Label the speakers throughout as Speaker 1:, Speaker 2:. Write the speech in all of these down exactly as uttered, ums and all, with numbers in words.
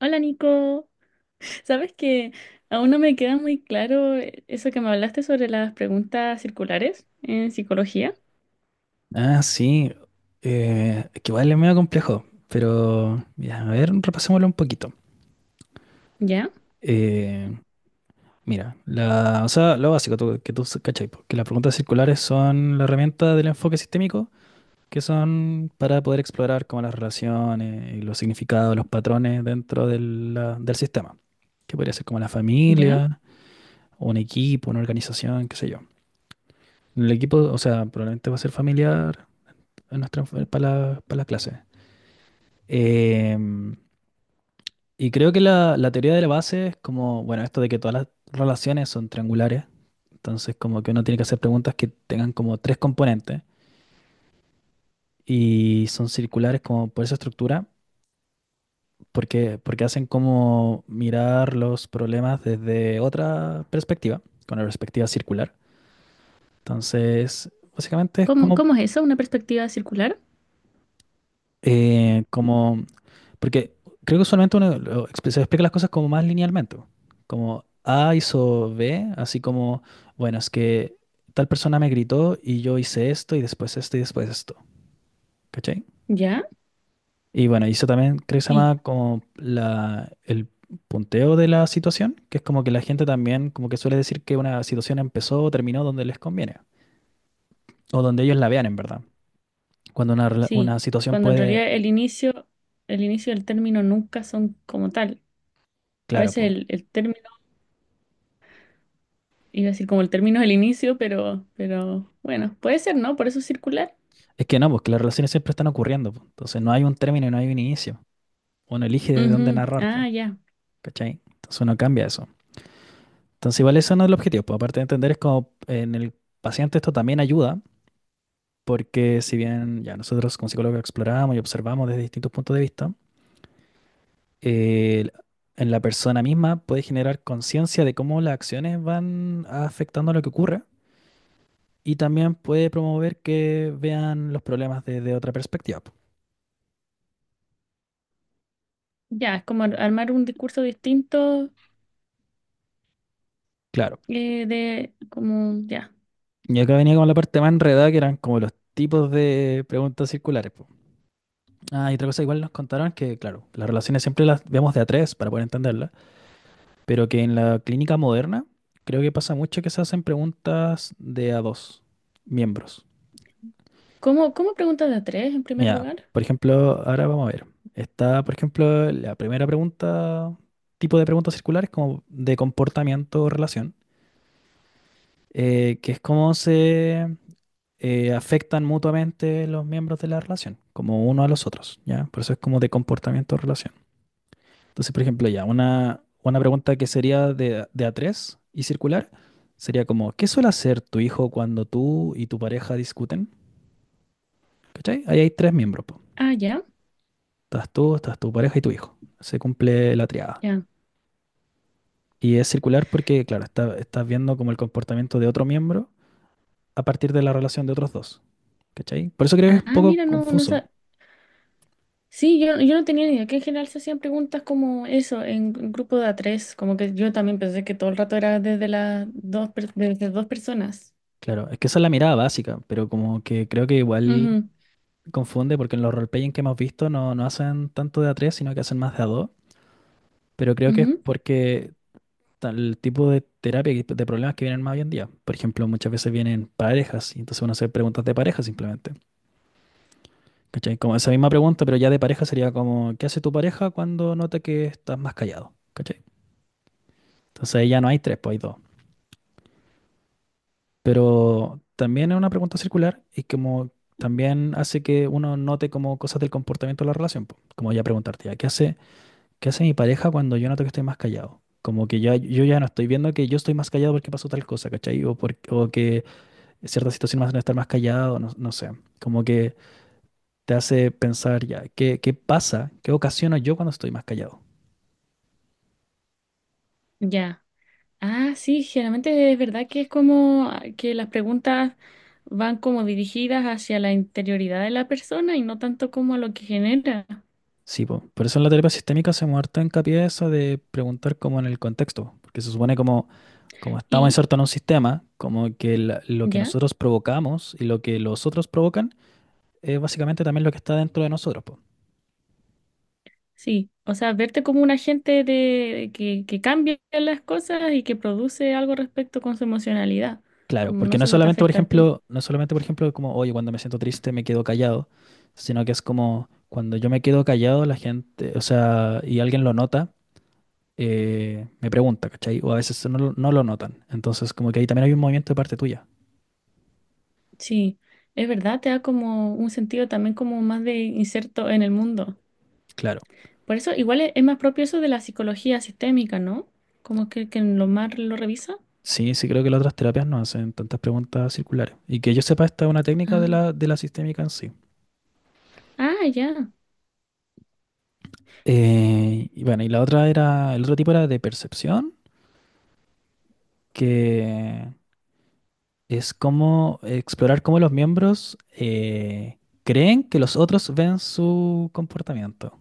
Speaker 1: Hola Nico, sabes que aún no me queda muy claro eh, eso que me hablaste sobre las preguntas circulares en psicología.
Speaker 2: Ah, sí. Eh, que igual es medio complejo, pero mira, a ver, repasémoslo un poquito.
Speaker 1: ¿Ya?
Speaker 2: Eh, mira, la, o sea, lo básico tú- que tú cachai, po, que las preguntas circulares son la herramienta del enfoque sistémico, que son para poder explorar como las relaciones y los significados, los patrones dentro del, la- del sistema, que podría ser como la
Speaker 1: ¿Ya?
Speaker 2: familia, un equipo, una organización, qué sé yo. El equipo, o sea, probablemente va a ser familiar en nuestra, para la, para la clase. Em, Y creo que la, la teoría de la base es como, bueno, esto de que todas las relaciones son triangulares, entonces como que uno tiene que hacer preguntas que tengan como tres componentes y son circulares como por esa estructura, porque, porque hacen como mirar los problemas desde otra perspectiva, con la perspectiva circular. Entonces, básicamente es
Speaker 1: ¿Cómo,
Speaker 2: como
Speaker 1: cómo es eso? ¿Una perspectiva circular?
Speaker 2: eh, como, porque creo que usualmente uno lo expl- se explica las cosas como más linealmente, como A hizo B, así como, bueno, es que tal persona me gritó y yo hice esto y después esto y después esto, ¿cachai?
Speaker 1: ¿Ya?
Speaker 2: Y bueno, y eso también creo que se
Speaker 1: Y
Speaker 2: llama como la, el punteo de la situación, que es como que la gente también como que suele decir que una situación empezó o terminó donde les conviene, o donde ellos la vean en verdad, cuando una, rela-
Speaker 1: sí,
Speaker 2: una situación
Speaker 1: cuando en
Speaker 2: puede.
Speaker 1: realidad el inicio, el inicio y el término nunca son como tal. A veces
Speaker 2: Claro.
Speaker 1: el, el término, iba a decir como el término es el inicio, pero, pero bueno, puede ser, ¿no? Por eso es circular.
Speaker 2: Es que no, porque las relaciones siempre están ocurriendo, po. Entonces no hay un término y no hay un inicio. Uno elige desde dónde
Speaker 1: Ujú.
Speaker 2: narrar,
Speaker 1: Ah,
Speaker 2: po,
Speaker 1: ya.
Speaker 2: ¿cachai? Entonces uno cambia eso. Entonces igual eso no es el objetivo, po. Aparte de entender es como en el paciente esto también ayuda, porque si bien ya nosotros como psicólogos exploramos y observamos desde distintos puntos de vista, eh, en la persona misma puede generar conciencia de cómo las acciones van afectando lo que ocurre y también puede promover que vean los problemas desde otra perspectiva, po.
Speaker 1: Ya, es como ar- armar un discurso distinto
Speaker 2: Claro.
Speaker 1: eh, de como ya.
Speaker 2: Y acá venía como la parte más enredada, que eran como los tipos de preguntas circulares, po. Ah, y otra cosa, igual nos contaron que, claro, las relaciones siempre las vemos de a tres para poder entenderlas, pero que en la clínica moderna creo que pasa mucho que se hacen preguntas de a dos miembros.
Speaker 1: ¿Cómo, cómo preguntas de a tres en primer
Speaker 2: Mira,
Speaker 1: lugar?
Speaker 2: por ejemplo, ahora vamos a ver. Está, por ejemplo, la primera pregunta, tipo de preguntas circulares como de comportamiento o relación, eh, que es cómo se eh, afectan mutuamente los miembros de la relación, como uno a los otros, ¿ya? Por eso es como de comportamiento de relación. Entonces, por ejemplo, ya, una, una pregunta que sería de, de a tres y circular sería como, ¿qué suele hacer tu hijo cuando tú y tu pareja discuten? ¿Cachai? Ahí hay tres miembros, po.
Speaker 1: Ah, ya,
Speaker 2: Estás tú, estás tu pareja y tu hijo. Se cumple la triada.
Speaker 1: ya.
Speaker 2: Y es circular porque, claro, está- estás viendo como el comportamiento de otro miembro a partir de la relación de otros dos. ¿Cachai? Por eso creo que es un
Speaker 1: Ah,
Speaker 2: poco
Speaker 1: mira, no, no
Speaker 2: confuso.
Speaker 1: sa- Sí, yo, yo no tenía ni idea que en general se hacían preguntas como eso, en gru- grupo de a tres. Como que yo también pensé que todo el rato era desde las dos, per- desde dos personas.
Speaker 2: Claro, es que esa es la mirada básica, pero como que creo que igual
Speaker 1: Ujú,
Speaker 2: confunde porque en los roleplaying que hemos visto no, no hacen tanto de a tres, sino que hacen más de a dos. Pero creo que es
Speaker 1: ujú.
Speaker 2: porque tal- el tipo de terapia, y de problemas que vienen más hoy en día. Por ejemplo, muchas veces vienen parejas y entonces uno hace preguntas de pareja simplemente. ¿Cachai? Como esa misma pregunta, pero ya de pareja sería como, ¿qué hace tu pareja cuando nota que estás más callado? ¿Cachai? Entonces ahí ya no hay tres, pues hay dos. Pero también es una pregunta circular y como también hace que uno note como cosas del comportamiento de la relación, po. Como ya preguntarte, ya, ¿qué hace, qué hace mi pareja cuando yo noto que estoy más callado? Como que ya, yo ya no estoy viendo que yo estoy más callado porque pasó tal cosa, ¿cachai? O, por- o que cierta situación me hace estar más callado, no, no sé. Como que te hace pensar ya, ¿qué, qué pasa? ¿Qué ocasiona yo cuando estoy más callado?
Speaker 1: Ya. Ah, sí, generalmente es verdad que es como ah, que las preguntas van como dirigidas hacia la interioridad de la persona y no tanto como a lo que genera.
Speaker 2: Sí, po. Por eso en la terapia sistémica hacemos harto hincapié eso de preguntar como en el contexto, po, porque se supone como, como estamos
Speaker 1: Y
Speaker 2: insertos en un sistema, como que la- lo que
Speaker 1: ya.
Speaker 2: nosotros provocamos y lo que los otros provocan es básicamente también lo que está dentro de nosotros, po.
Speaker 1: Sí, o sea, verte como un agente de que, que cambia las cosas y que produce algo respecto con su emocionalidad,
Speaker 2: Claro,
Speaker 1: como
Speaker 2: porque
Speaker 1: no
Speaker 2: no es
Speaker 1: solo te
Speaker 2: solamente, por
Speaker 1: afecta a ti.
Speaker 2: ejemplo, no es solamente, por ejemplo, como, oye, cuando me siento triste me quedo callado, sino que es como cuando yo me quedo callado, la gente, o sea, y alguien lo nota, eh, me pregunta, ¿cachai? O a veces no, lo- no lo notan. Entonces, como que ahí también hay un movimiento de parte tuya.
Speaker 1: Sí, es verdad, te da como un sentido también como más de inserto en el mundo.
Speaker 2: Claro.
Speaker 1: Por eso igual es, es más propio eso de la psicología sistémica, ¿no? Como que, que en lo más lo revisa.
Speaker 2: Sí, sí creo que las otras terapias no hacen tantas preguntas circulares. Y que yo sepa, esta es una técnica de
Speaker 1: Ah,
Speaker 2: la, de la sistémica en sí.
Speaker 1: ah, ya,
Speaker 2: Eh, y bueno, y la otra era, el otro tipo era de percepción, que es como explorar cómo los miembros eh, creen que los otros ven su comportamiento.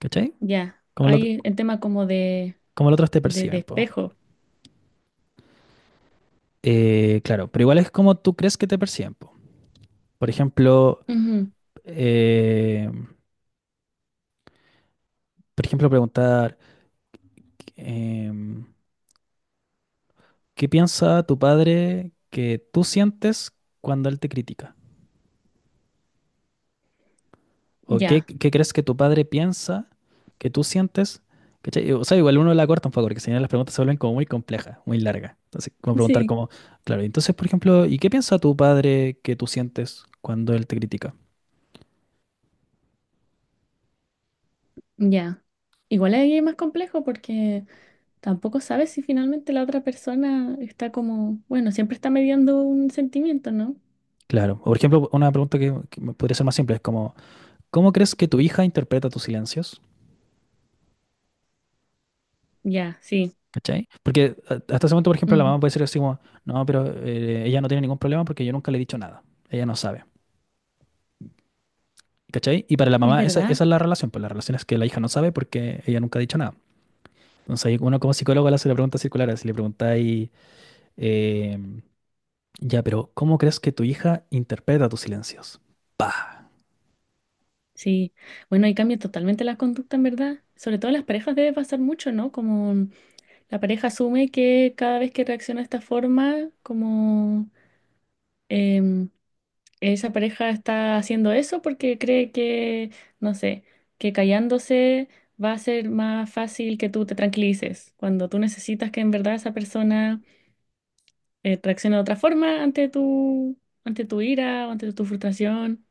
Speaker 2: ¿Cachai?
Speaker 1: ya.
Speaker 2: Cómo, lo-
Speaker 1: Hay el tema como de,
Speaker 2: cómo los otros te
Speaker 1: de, de
Speaker 2: perciben, po.
Speaker 1: espejo.
Speaker 2: Eh, claro, pero igual es como tú crees que te perciben, po. Por ejemplo,
Speaker 1: Ujú.
Speaker 2: eh, por ejemplo, preguntar... em, ¿Qué piensa tu padre que tú sientes cuando él te critica? ¿O qué,
Speaker 1: Ya,
Speaker 2: qué crees que tu padre piensa que tú sientes? ¿Cachai? O sea, igual uno la corta un poco, porque si no las preguntas se vuelven como muy complejas, muy largas. Entonces, como preguntar
Speaker 1: sí,
Speaker 2: como, claro, entonces, por ejemplo, ¿y qué piensa tu padre que tú sientes cuando él te critica?
Speaker 1: ya. Igual ahí es más complejo porque tampoco sabes si finalmente la otra persona está como, bueno, siempre está mediando un sentimiento, ¿no?
Speaker 2: Claro. O, por ejemplo, una pregunta que, que me podría ser más simple es como, ¿cómo crees que tu hija interpreta tus silencios?
Speaker 1: Ya, sí.
Speaker 2: ¿Cachai? Porque a- hasta ese momento, por ejemplo, la
Speaker 1: Ujú.
Speaker 2: mamá puede ser así como, no, pero eh, ella no tiene ningún problema porque yo nunca le he dicho nada. Ella no sabe. ¿Cachai? Y para la
Speaker 1: Es
Speaker 2: mamá, esa,
Speaker 1: verdad,
Speaker 2: esa es la relación. Pues la relación es que la hija no sabe porque ella nunca ha dicho nada. Entonces, ahí uno como psicólogo le hace la pregunta circular. Si le preguntáis, eh, ya, pero ¿cómo crees que tu hija interpreta tus silencios? ¡Pah!
Speaker 1: sí. Bueno, ahí cambia totalmente la conducta, en verdad. Sobre todo en las parejas debe pasar mucho, ¿no? Como la pareja asume que cada vez que reacciona de esta forma, como em, esa pareja está haciendo eso porque cree que, no sé, que callándose va a ser más fácil que tú te tranquilices, cuando tú necesitas que en verdad esa persona eh, reacciona de otra forma ante tu, ante tu ira o ante tu frustración.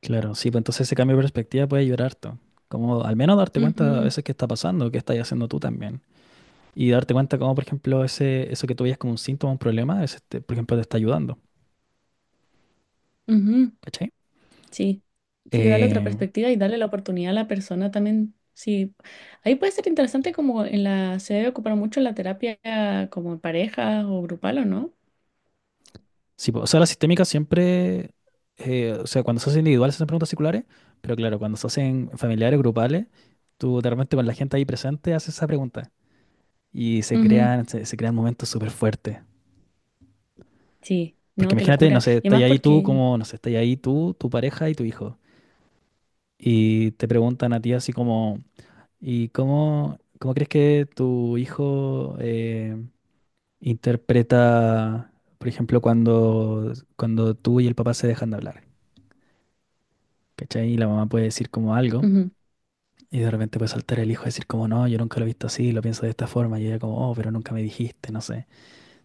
Speaker 2: Claro, sí, pues entonces ese cambio de perspectiva puede ayudar harto. Como al menos darte cuenta a
Speaker 1: Ujú,
Speaker 2: veces qué está pasando, qué estás haciendo tú también. Y darte cuenta cómo, por ejemplo, ese, eso que tú veías como un síntoma, un problema, es este, por ejemplo, te está ayudando.
Speaker 1: ujú.
Speaker 2: ¿Cachai?
Speaker 1: Sí, sí, darle otra
Speaker 2: Eh,
Speaker 1: perspectiva y darle la oportunidad a la persona también. Sí, ahí puede ser interesante como en la, se debe ocupar mucho en la terapia como en pareja o grupal o no.
Speaker 2: sí, po, o sea, la sistémica siempre, eh, o sea, cuando se hace individual se hacen preguntas circulares, pero claro, cuando se hacen familiares, grupales, tú de repente con la gente ahí presente haces esa pregunta y se
Speaker 1: Ujú.
Speaker 2: crean, se, se crean momentos súper fuertes.
Speaker 1: Sí,
Speaker 2: Porque
Speaker 1: no, qué
Speaker 2: imagínate, no
Speaker 1: locura.
Speaker 2: sé,
Speaker 1: Y
Speaker 2: estás
Speaker 1: además
Speaker 2: ahí tú,
Speaker 1: porque,
Speaker 2: como, no sé, estás ahí tú, tu pareja y tu hijo. Y te preguntan a ti así como, ¿y cómo, cómo crees que tu hijo... eh, interpreta, por ejemplo, cuando, cuando tú y el papá se dejan de hablar, ¿cachai? Y la mamá puede decir como algo,
Speaker 1: ujú,
Speaker 2: y de repente puede saltar el hijo y decir como, no, yo nunca lo he visto así, lo pienso de esta forma, y ella como, oh, pero nunca me dijiste, no sé.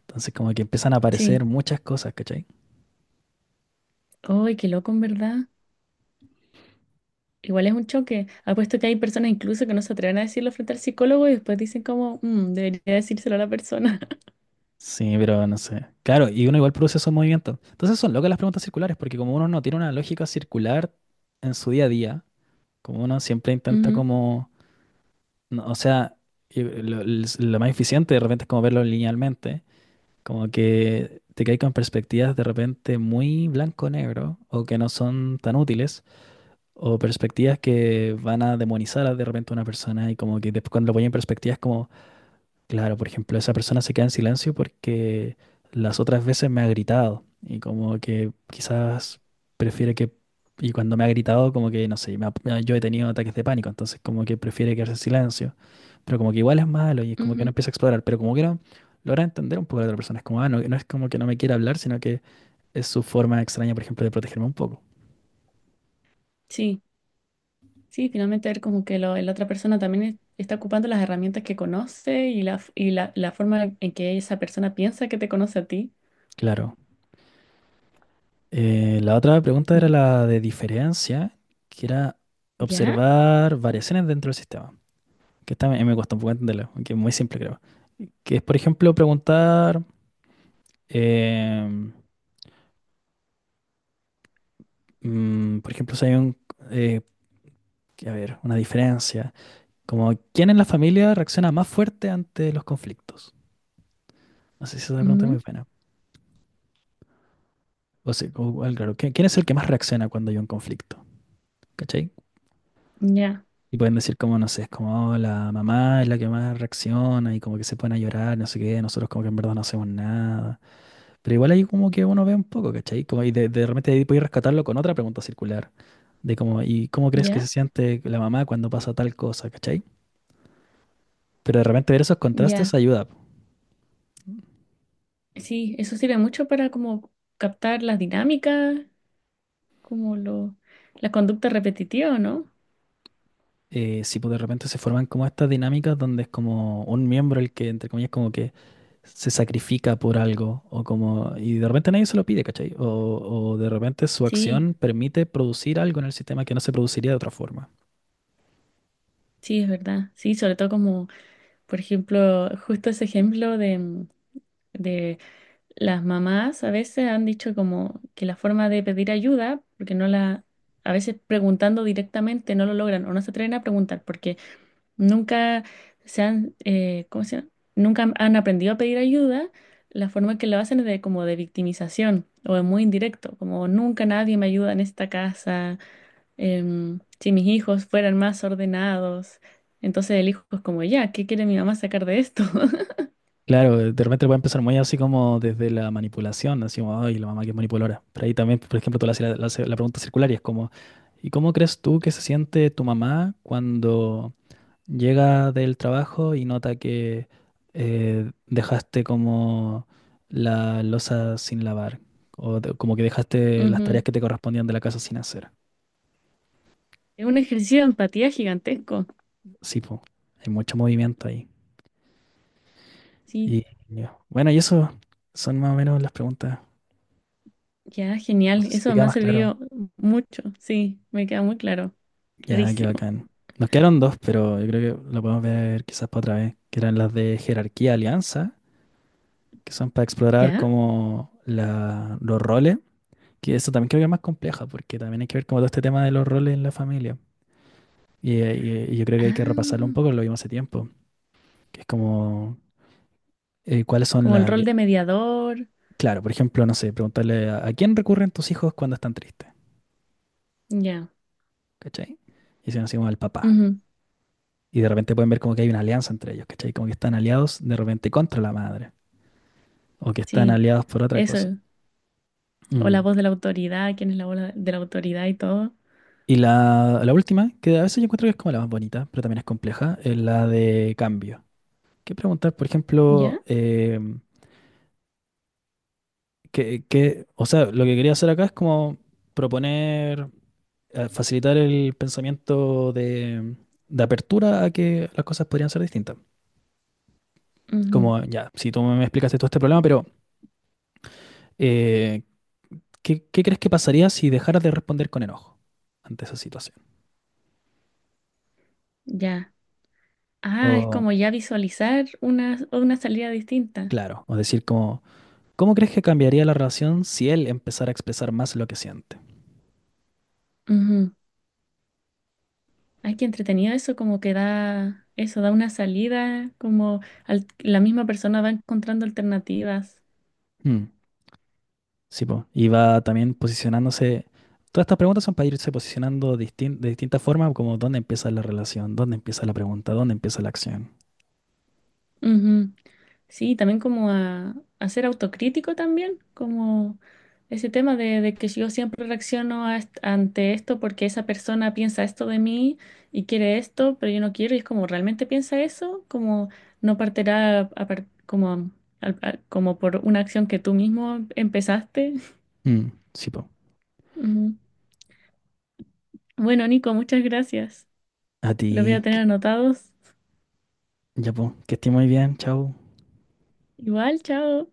Speaker 2: Entonces como que empiezan a aparecer
Speaker 1: sí,
Speaker 2: muchas cosas, ¿cachai?
Speaker 1: ay, qué loco en verdad. Igual es un choque. Apuesto que hay personas incluso que no se atreven a decirlo frente al psicólogo y después dicen como, "Mm, debería decírselo a la persona."
Speaker 2: Sí, pero no sé. Claro, y uno igual produce esos movimientos. Entonces son locas las preguntas circulares, porque como uno no tiene una lógica circular en su día a día, como uno siempre intenta
Speaker 1: Ujú.
Speaker 2: como, no, o sea, y lo, lo lo más eficiente de repente es como verlo linealmente, como que te caes con perspectivas de repente muy blanco-negro o que no son tan útiles o perspectivas que van a demonizar a de repente a una persona y como que después cuando lo ponen en perspectivas como claro, por ejemplo, esa persona se queda en silencio porque las otras veces me ha gritado y como que quizás prefiere que, y cuando me ha gritado como que, no sé, me ha- me ha- yo he tenido ataques de pánico, entonces como que prefiere quedarse en silencio, pero como que igual es malo y es como que no
Speaker 1: Ujú.
Speaker 2: empieza a explorar, pero como que no logra entender un poco a la otra persona, es como, ah, no, no es como que no me quiera hablar, sino que es su forma extraña, por ejemplo, de protegerme un poco.
Speaker 1: Sí, sí, finalmente ver como que lo- la otra persona también es- está ocupando las herramientas que conoce y la, f- y la, la forma en que esa persona piensa que te conoce a ti.
Speaker 2: Claro. Eh, la otra pregunta era
Speaker 1: Mm.
Speaker 2: la de diferencia, que era
Speaker 1: ¿Ya?
Speaker 2: observar variaciones dentro del sistema. Que esta me, me cuesta un poco entenderlo, aunque es muy simple creo. Que es, por ejemplo, preguntar, em, mm, por ejemplo, si hay un, eh, a ver, una diferencia, como quién en la familia reacciona más fuerte ante los conflictos. No sé si esa pregunta es muy
Speaker 1: Ujú.
Speaker 2: buena. O sea, o- o- claro, ¿quién, quién es el que más reacciona cuando hay un conflicto? ¿Cachai?
Speaker 1: Ya,
Speaker 2: Y pueden decir como, no sé, es como, "Oh, la mamá es la que más reacciona y como que se pone a llorar, no sé qué, nosotros como que en verdad no hacemos nada". Pero igual ahí como que uno ve un poco, ¿cachai? Como y de, de repente ahí podéis rescatarlo con otra pregunta circular, de cómo, ¿y cómo crees que
Speaker 1: ya,
Speaker 2: se siente la mamá cuando pasa tal cosa? ¿Cachai? Pero de repente ver esos contrastes
Speaker 1: ya.
Speaker 2: ayuda, po.
Speaker 1: Sí, eso sirve mucho para como captar las dinámicas, como lo, la conducta repetitiva, ¿no?
Speaker 2: Eh, si pues, de repente se forman como estas dinámicas donde es como un miembro el que, entre comillas, como que se sacrifica por algo, o como, y de repente nadie se lo pide, ¿cachai? O, o de repente su
Speaker 1: Sí,
Speaker 2: acción permite producir algo en el sistema que no se produciría de otra forma.
Speaker 1: sí, es verdad. Sí, sobre todo como, por ejemplo, justo ese ejemplo de, las mamás a veces han dicho como que la forma de pedir ayuda, porque no la, a veces preguntando directamente no lo logran o no se atreven a preguntar porque nunca se han, eh, ¿cómo se llama? Nunca han han aprendido a pedir ayuda. La forma que lo hacen es de como de victimización o es muy indirecto, como nunca nadie me ayuda en esta casa, em, si mis hijos fueran más ordenados. Entonces el hijo es como, ya, ¿qué quiere mi mamá sacar de esto?
Speaker 2: Claro, de repente puede empezar muy así como desde la manipulación, así como, ay, la mamá que es manipuladora. Pero ahí también, por ejemplo, tú le haces la, la haces la pregunta circular y es como, ¿y cómo crees tú que se siente tu mamá cuando llega del trabajo y nota que eh, dejaste como la loza sin lavar? O de- como que dejaste las tareas
Speaker 1: Ujú.
Speaker 2: que te correspondían de la casa sin hacer.
Speaker 1: Es un ejercicio de empatía gigantesco.
Speaker 2: Sí, pues, hay mucho movimiento ahí.
Speaker 1: Sí.
Speaker 2: Y y bueno, y eso son más o menos las preguntas.
Speaker 1: Ya,
Speaker 2: No
Speaker 1: genial.
Speaker 2: sé si te
Speaker 1: Eso
Speaker 2: queda
Speaker 1: me ha
Speaker 2: más claro.
Speaker 1: servido mucho. Sí, me queda muy claro.
Speaker 2: Ya, qué
Speaker 1: Clarísimo.
Speaker 2: bacán. Nos quedaron dos, pero yo creo que lo podemos ver quizás para otra vez, que eran las de jerarquía alianza, que son para explorar
Speaker 1: ¿Ya?
Speaker 2: como la, los roles, que eso también creo que es más compleja, porque también hay que ver como todo este tema de los roles en la familia. Y, eh, y, eh, yo creo que hay que repasarlo un
Speaker 1: Ah,
Speaker 2: poco, lo vimos hace tiempo, que es como eh, cuáles son
Speaker 1: como
Speaker 2: las...
Speaker 1: el rol
Speaker 2: ali-
Speaker 1: de mediador.
Speaker 2: Claro, por ejemplo, no sé, preguntarle a, ¿a quién recurren tus hijos cuando están tristes,
Speaker 1: Ya.
Speaker 2: ¿cachai? Y si nos decimos al papá.
Speaker 1: Ujú.
Speaker 2: Y de repente pueden ver como que hay una alianza entre ellos, ¿cachai? Como que están aliados de repente contra la madre, o que están
Speaker 1: Sí,
Speaker 2: aliados por otra cosa.
Speaker 1: eso. O la
Speaker 2: Mm.
Speaker 1: voz de la autoridad, quién es la voz de la autoridad y todo.
Speaker 2: Y la, la última, que a veces yo encuentro que es como la más bonita, pero también es compleja, es la de cambio. Que preguntar, por ejemplo,
Speaker 1: ¿Ya?
Speaker 2: eh, que, que- o sea, lo que quería hacer acá es como proponer, eh, facilitar el pensamiento de, de apertura a que las cosas podrían ser distintas.
Speaker 1: Ujú.
Speaker 2: Como, ya, si tú me explicaste todo este problema, pero eh, ¿qué, qué crees que pasaría si dejaras de responder con enojo ante esa situación?
Speaker 1: Ya. Ah, es
Speaker 2: O,
Speaker 1: como ya visualizar una, una salida distinta.
Speaker 2: claro, o decir como... ¿Cómo crees que cambiaría la relación si él empezara a expresar más lo que siente?
Speaker 1: Ujú. Ay, qué entretenido eso, como que da, eso, da una salida, como al- la misma persona va encontrando alternativas.
Speaker 2: Mm, sí, po. Y va también posicionándose. Todas estas preguntas son para irse posicionando distin- de distintas formas, como dónde empieza la relación, dónde empieza la pregunta, dónde empieza la acción.
Speaker 1: Ujú. Sí, también como a, a ser autocrítico también, como ese tema de, de que yo siempre reacciono a est- ante esto porque esa persona piensa esto de mí y quiere esto, pero yo no quiero, y es como realmente piensa eso, como no partirá a par- como, al- al- como por una acción que tú mismo empezaste.
Speaker 2: Mm, sí, po.
Speaker 1: Ujú. Bueno, Nico, muchas gracias.
Speaker 2: A ti,
Speaker 1: Los voy a
Speaker 2: que-
Speaker 1: tener anotados.
Speaker 2: ya, po. Que estés muy bien, chao.
Speaker 1: Igual, chao.